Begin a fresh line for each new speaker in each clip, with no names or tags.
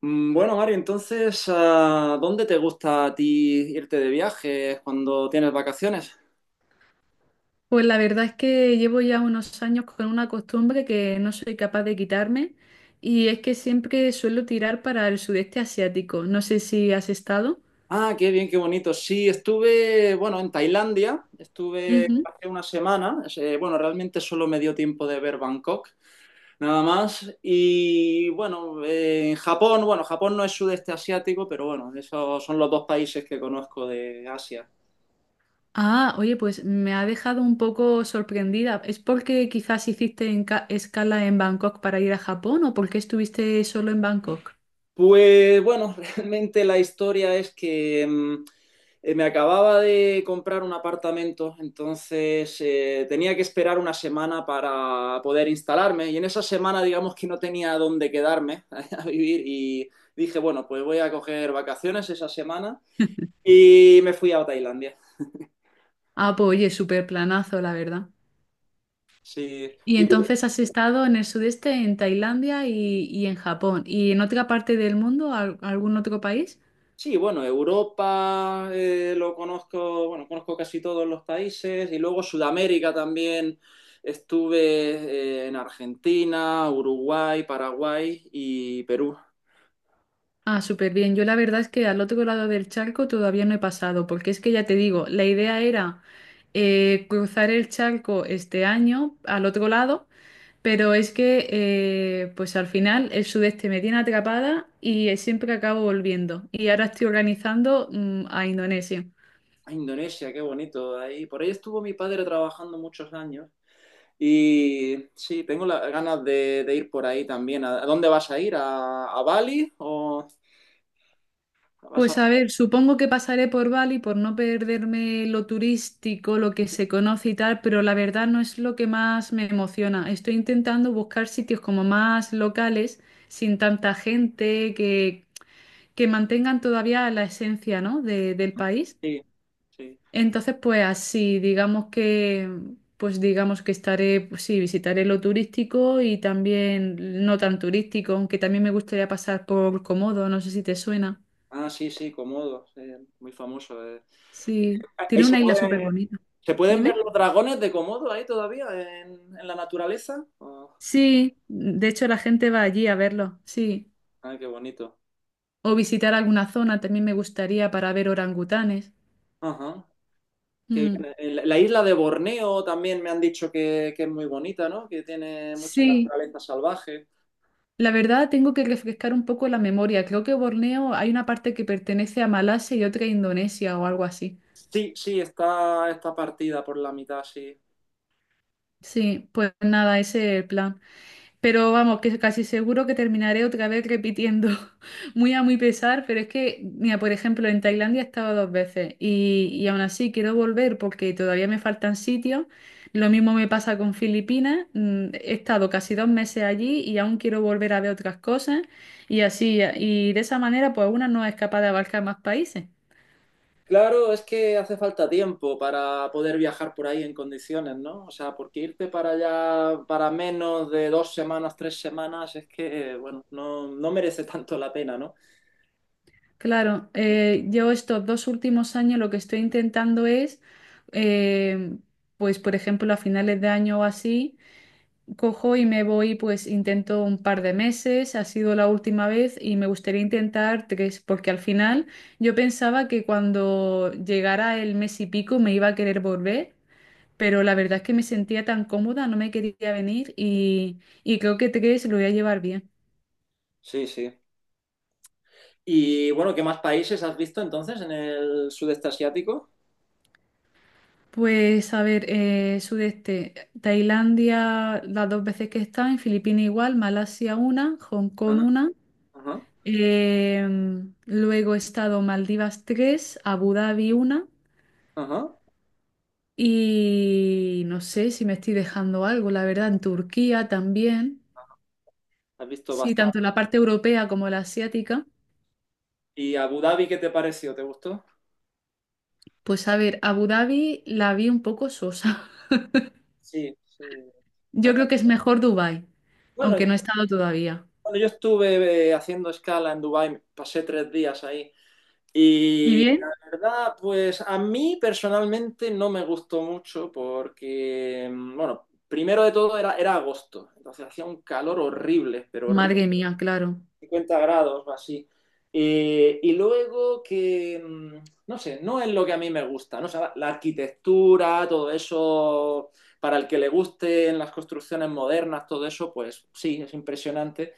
Bueno, Mario, entonces, ah, ¿dónde te gusta a ti irte de viaje cuando tienes vacaciones?
Pues la verdad es que llevo ya unos años con una costumbre que no soy capaz de quitarme y es que siempre suelo tirar para el sudeste asiático. No sé si has estado.
Ah, qué bien, qué bonito. Sí, estuve, bueno, en Tailandia, estuve
Ujú.
hace una semana. Bueno, realmente solo me dio tiempo de ver Bangkok, nada más. Y bueno, en Japón, bueno, Japón no es sudeste asiático, pero bueno, esos son los dos países que conozco de Asia.
Ah, oye, pues me ha dejado un poco sorprendida. ¿Es porque quizás hiciste escala en Bangkok para ir a Japón o porque estuviste solo en Bangkok?
Pues bueno, realmente la historia es que, me acababa de comprar un apartamento, entonces tenía que esperar una semana para poder instalarme y en esa semana digamos que no tenía dónde quedarme a vivir y dije, bueno, pues voy a coger vacaciones esa semana y me fui a Tailandia.
Ah, pues oye, súper planazo, la verdad.
Sí.
Y
¿Y tú?
entonces has estado en el sudeste, en Tailandia y en Japón. ¿Y en otra parte del mundo, algún otro país?
Sí, bueno, Europa lo conozco, bueno, conozco casi todos los países y luego Sudamérica también. Estuve en Argentina, Uruguay, Paraguay y Perú.
Ah, súper bien. Yo la verdad es que al otro lado del charco todavía no he pasado, porque es que ya te digo, la idea era cruzar el charco este año al otro lado, pero es que pues al final el sudeste me tiene atrapada y siempre acabo volviendo. Y ahora estoy organizando a Indonesia.
Ah, Indonesia, qué bonito ahí. Por ahí estuvo mi padre trabajando muchos años y sí, tengo las ganas de ir por ahí también. ¿A dónde vas a ir? ¿A Bali o vas a...?
Pues a ver, supongo que pasaré por Bali por no perderme lo turístico, lo que se conoce y tal, pero la verdad no es lo que más me emociona. Estoy intentando buscar sitios como más locales, sin tanta gente, que mantengan todavía la esencia, ¿no? Del país.
Sí, sí.
Entonces, pues así, digamos que, pues digamos que estaré, pues sí, visitaré lo turístico y también no tan turístico, aunque también me gustaría pasar por Komodo, no sé si te suena.
Ah, sí, sí, Komodo, sí, muy famoso.
Sí,
Ahí
tiene
se
una isla súper
puede
bonita.
¿Se pueden ver
Dime.
los dragones de Komodo ahí todavía en la naturaleza? Oh,
Sí, de hecho la gente va allí a verlo, sí.
ay, qué bonito.
O visitar alguna zona también me gustaría para ver orangutanes.
Ajá. Qué
Mm,
bien. La isla de Borneo también me han dicho que es muy bonita, ¿no? Que tiene mucha
Sí,
naturaleza salvaje.
la verdad tengo que refrescar un poco la memoria. Creo que Borneo hay una parte que pertenece a Malasia y otra a Indonesia o algo así.
Sí, sí, está partida por la mitad, sí.
Sí, pues nada, ese es el plan. Pero vamos, que casi seguro que terminaré otra vez repitiendo, muy a muy pesar, pero es que, mira, por ejemplo, en Tailandia he estado dos veces y aún así quiero volver porque todavía me faltan sitios. Lo mismo me pasa con Filipinas, he estado casi 2 meses allí y aún quiero volver a ver otras cosas y así, y de esa manera, pues una no es capaz de abarcar más países.
Claro, es que hace falta tiempo para poder viajar por ahí en condiciones, ¿no? O sea, porque irte para allá para menos de 2 semanas, 3 semanas, es que, bueno, no merece tanto la pena, ¿no?
Claro, yo estos dos últimos años lo que estoy intentando es, eh, pues por ejemplo, a finales de año o así, cojo y me voy, pues intento un par de meses, ha sido la última vez y me gustaría intentar tres, porque al final yo pensaba que cuando llegara el mes y pico me iba a querer volver, pero la verdad es que me sentía tan cómoda, no me quería venir y creo que tres lo voy a llevar bien.
Sí, sí. Y bueno, ¿qué más países has visto entonces en el sudeste asiático?
Pues a ver, sudeste, Tailandia las dos veces que he estado, en Filipinas igual, Malasia una, Hong Kong
Ajá,
una.
ajá,
Luego he estado Maldivas 3, Abu Dhabi una
ajá.
y no sé si me estoy dejando algo, la verdad, en Turquía también.
Has visto
Sí, tanto
bastante.
la parte europea como la asiática.
¿Y Abu Dhabi qué te pareció? ¿Te gustó?
Pues a ver, Abu Dhabi la vi un poco sosa.
Sí, sí.
Yo creo que es mejor Dubái, aunque no
Bueno,
he estado todavía.
cuando yo estuve haciendo escala en Dubái, pasé 3 días ahí.
¿Y bien?
La verdad, pues a mí personalmente no me gustó mucho porque, bueno, primero de todo era agosto, entonces hacía un calor horrible, pero horrible.
Madre mía, claro.
50 grados o así. Y luego que, no sé, no es lo que a mí me gusta, ¿no? O sea, la arquitectura, todo eso, para el que le gusten las construcciones modernas, todo eso, pues sí, es impresionante,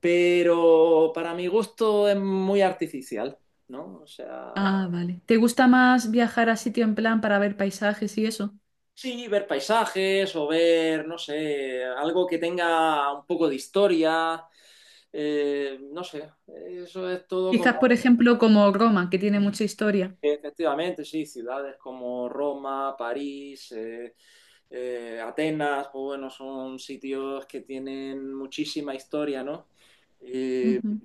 pero para mi gusto es muy artificial, ¿no? O sea,
Ah, vale. ¿Te gusta más viajar a sitio en plan para ver paisajes y eso?
sí, ver paisajes o ver, no sé, algo que tenga un poco de historia, no sé, eso es todo
Quizás,
como...
por ejemplo, como Roma, que tiene mucha historia.
Efectivamente, sí, ciudades como Roma, París, Atenas, pues bueno, son sitios que tienen muchísima historia, ¿no? Eh,
Ujú.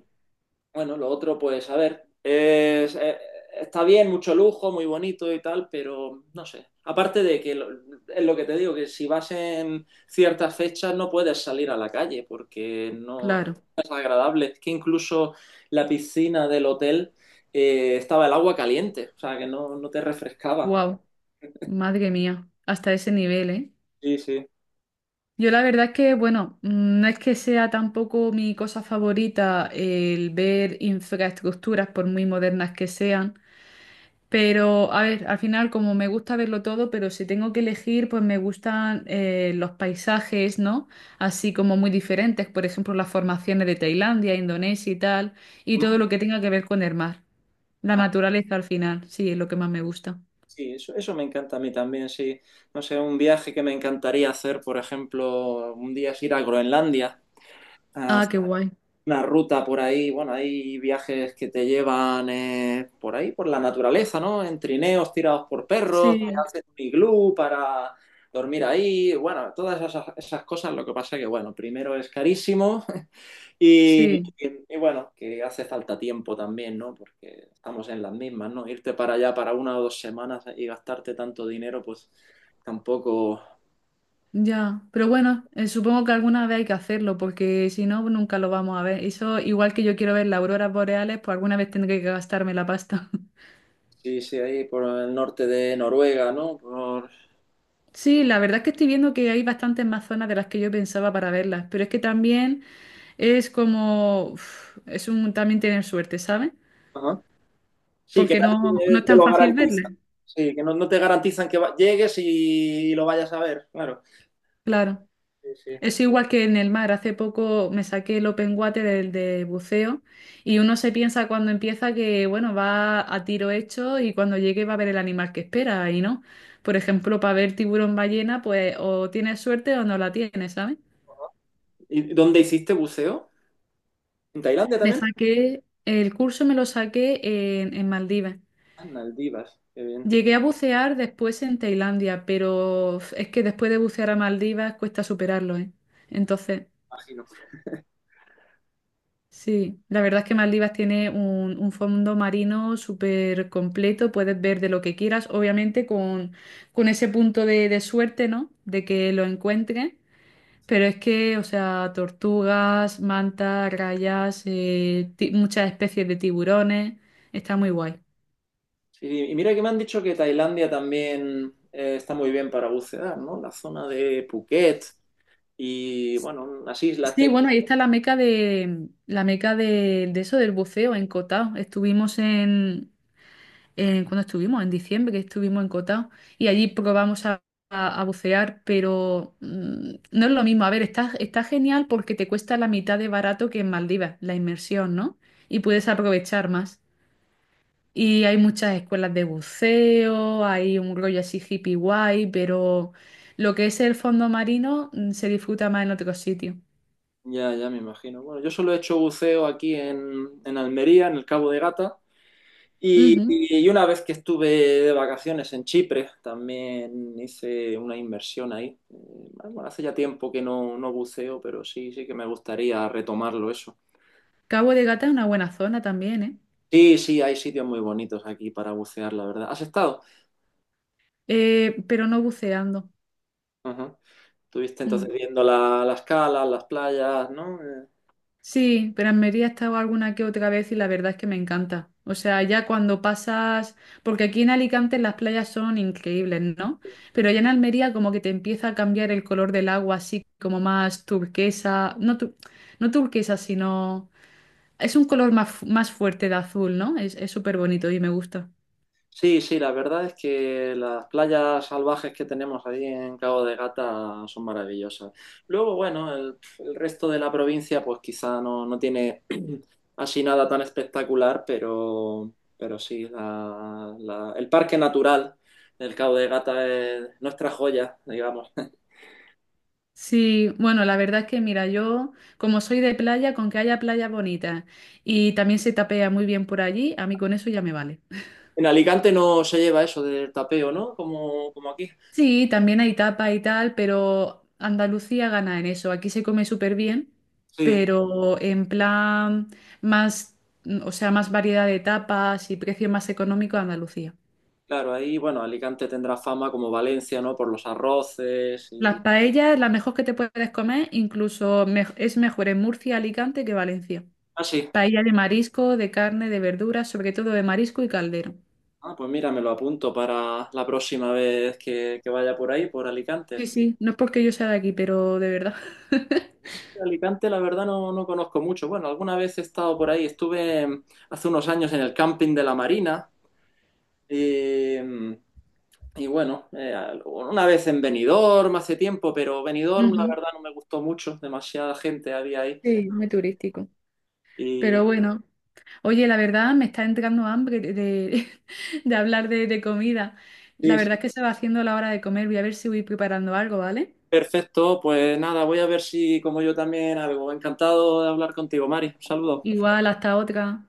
bueno, lo otro, pues a ver, está bien, mucho lujo, muy bonito y tal, pero no sé. Aparte de que es lo que te digo, que si vas en ciertas fechas no puedes salir a la calle porque no
Claro.
es agradable. Es que incluso la piscina del hotel estaba el agua caliente, o sea que no te refrescaba.
Wow, madre mía, hasta ese nivel, ¿eh?
Sí, sí.
Yo la verdad es que, bueno, no es que sea tampoco mi cosa favorita el ver infraestructuras, por muy modernas que sean, pero a ver, al final como me gusta verlo todo, pero si tengo que elegir, pues me gustan los paisajes, ¿no? Así como muy diferentes, por ejemplo, las formaciones de Tailandia, Indonesia y tal, y
Mm.
todo lo que tenga que ver con el mar. La
Ah,
naturaleza al final, sí, es lo que más me gusta.
sí, eso me encanta a mí también, sí. No sé, un viaje que me encantaría hacer, por ejemplo, un día es ir a Groenlandia. A
Ah, qué guay.
una ruta por ahí, bueno, hay viajes que te llevan por ahí, por la naturaleza, ¿no? En trineos tirados por perros, te
Sí,
hacen un iglú para dormir ahí, bueno, todas esas cosas, lo que pasa que, bueno, primero es carísimo y,
sí.
y bueno, que hace falta tiempo también, ¿no? Porque estamos en las mismas, ¿no? Irte para allá para una o dos semanas y gastarte tanto dinero, pues tampoco...
Ya, pero bueno, supongo que alguna vez hay que hacerlo, porque si no, nunca lo vamos a ver. Eso, igual que yo quiero ver las auroras boreales, pues alguna vez tendré que gastarme la pasta.
Sí, sí, ahí por el norte de Noruega, ¿no? Por...
Sí, la verdad es que estoy viendo que hay bastantes más zonas de las que yo pensaba para verlas, pero es que también es como, uf, es un también tener suerte, ¿sabes?
Ajá. Sí, que
Porque no, no
nadie
es
te
tan
lo
fácil verlas.
garantiza. Sí, que no te garantizan que llegues y lo vayas a ver, claro.
Claro.
Sí, sí.
Es igual que en el mar. Hace poco me saqué el open water, el de buceo, y uno se piensa cuando empieza que, bueno, va a tiro hecho y cuando llegue va a ver el animal que espera, y no. Por ejemplo, para ver tiburón ballena, pues o tienes suerte o no la tienes, ¿sabes?
¿Y dónde hiciste buceo? ¿En Tailandia
Me
también?
saqué, el curso me lo saqué en, Maldivas.
Ah, en Maldivas, qué bien,
Llegué a bucear después en Tailandia, pero uf, es que después de bucear a Maldivas cuesta superarlo, ¿eh? Entonces...
imagino.
Sí, la verdad es que Maldivas tiene un fondo marino súper completo, puedes ver de lo que quieras, obviamente con ese punto de suerte, ¿no? De que lo encuentres, pero es que, o sea, tortugas, mantas, rayas, muchas especies de tiburones, está muy guay.
Sí, y mira que me han dicho que Tailandia también está muy bien para bucear, ¿no? La zona de Phuket y, bueno, unas islas que
Sí,
hay.
bueno, ahí está la meca de la meca de eso del buceo en Cotao. Estuvimos en, cuando estuvimos, en diciembre, que estuvimos en Cotao, y allí probamos a bucear, pero no es lo mismo. A ver, está genial porque te cuesta la mitad de barato que en Maldivas, la inmersión, ¿no? Y puedes aprovechar más. Y hay muchas escuelas de buceo, hay un rollo así hippie guay, pero lo que es el fondo marino se disfruta más en otros sitios.
Ya, ya me imagino. Bueno, yo solo he hecho buceo aquí en Almería, en el Cabo de Gata. Y,
Ujú.
y una vez que estuve de vacaciones en Chipre, también hice una inversión ahí. Bueno, hace ya tiempo que no buceo, pero sí, sí que me gustaría retomarlo eso.
Cabo de Gata es una buena zona también, ¿eh?
Sí, sí, hay sitios muy bonitos aquí para bucear, la verdad. ¿Has estado?
Pero no buceando.
Ajá. Estuviste entonces
Mm.
viendo las calas, las playas, ¿no?
Sí, pero en Almería he estado alguna que otra vez y la verdad es que me encanta. O sea, ya cuando pasas, porque aquí en Alicante las playas son increíbles, ¿no? Pero ya en Almería como que te empieza a cambiar el color del agua, así como más turquesa, no, no turquesa, sino es un color más, más fuerte de azul, ¿no? Es súper bonito y me gusta.
Sí, sí, la verdad es que las playas salvajes que tenemos ahí en Cabo de Gata son maravillosas. Luego, bueno, el resto de la provincia pues quizá no tiene así nada tan espectacular, pero sí, el parque natural del Cabo de Gata es nuestra joya, digamos.
Sí, bueno, la verdad es que mira, yo como soy de playa, con que haya playas bonitas y también se tapea muy bien por allí, a mí con eso ya me vale.
En Alicante no se lleva eso del tapeo, ¿no? Como, como aquí.
Sí, también hay tapa y tal, pero Andalucía gana en eso. Aquí se come súper bien,
Sí,
pero en plan más, o sea, más variedad de tapas y precio más económico Andalucía.
claro, ahí, bueno, Alicante tendrá fama como Valencia, ¿no? Por los arroces y...
Las paellas, la mejor que te puedes comer, incluso es mejor en Murcia, Alicante que Valencia.
así.
Paella de marisco, de carne, de verduras, sobre todo de marisco y caldero.
Ah, pues mira, me lo apunto para la próxima vez que vaya por ahí, por
Sí,
Alicante.
sí, no es porque yo sea de aquí, pero de verdad.
Alicante, la verdad, no conozco mucho. Bueno, alguna vez he estado por ahí. Estuve hace unos años en el camping de la Marina. Y, y bueno, una vez en Benidorm hace tiempo, pero Benidorm, la
Ujú.
verdad, no me gustó mucho. Demasiada gente había ahí.
Sí, muy turístico.
Y
Pero bueno. Oye, la verdad me está entrando hambre de, de hablar de comida. La
sí,
verdad es
sí,
que se va haciendo la hora de comer. Voy a ver si voy preparando algo, ¿vale?
perfecto. Pues nada, voy a ver si como yo también algo. Encantado de hablar contigo, Mari. Un saludo.
Igual, hasta otra.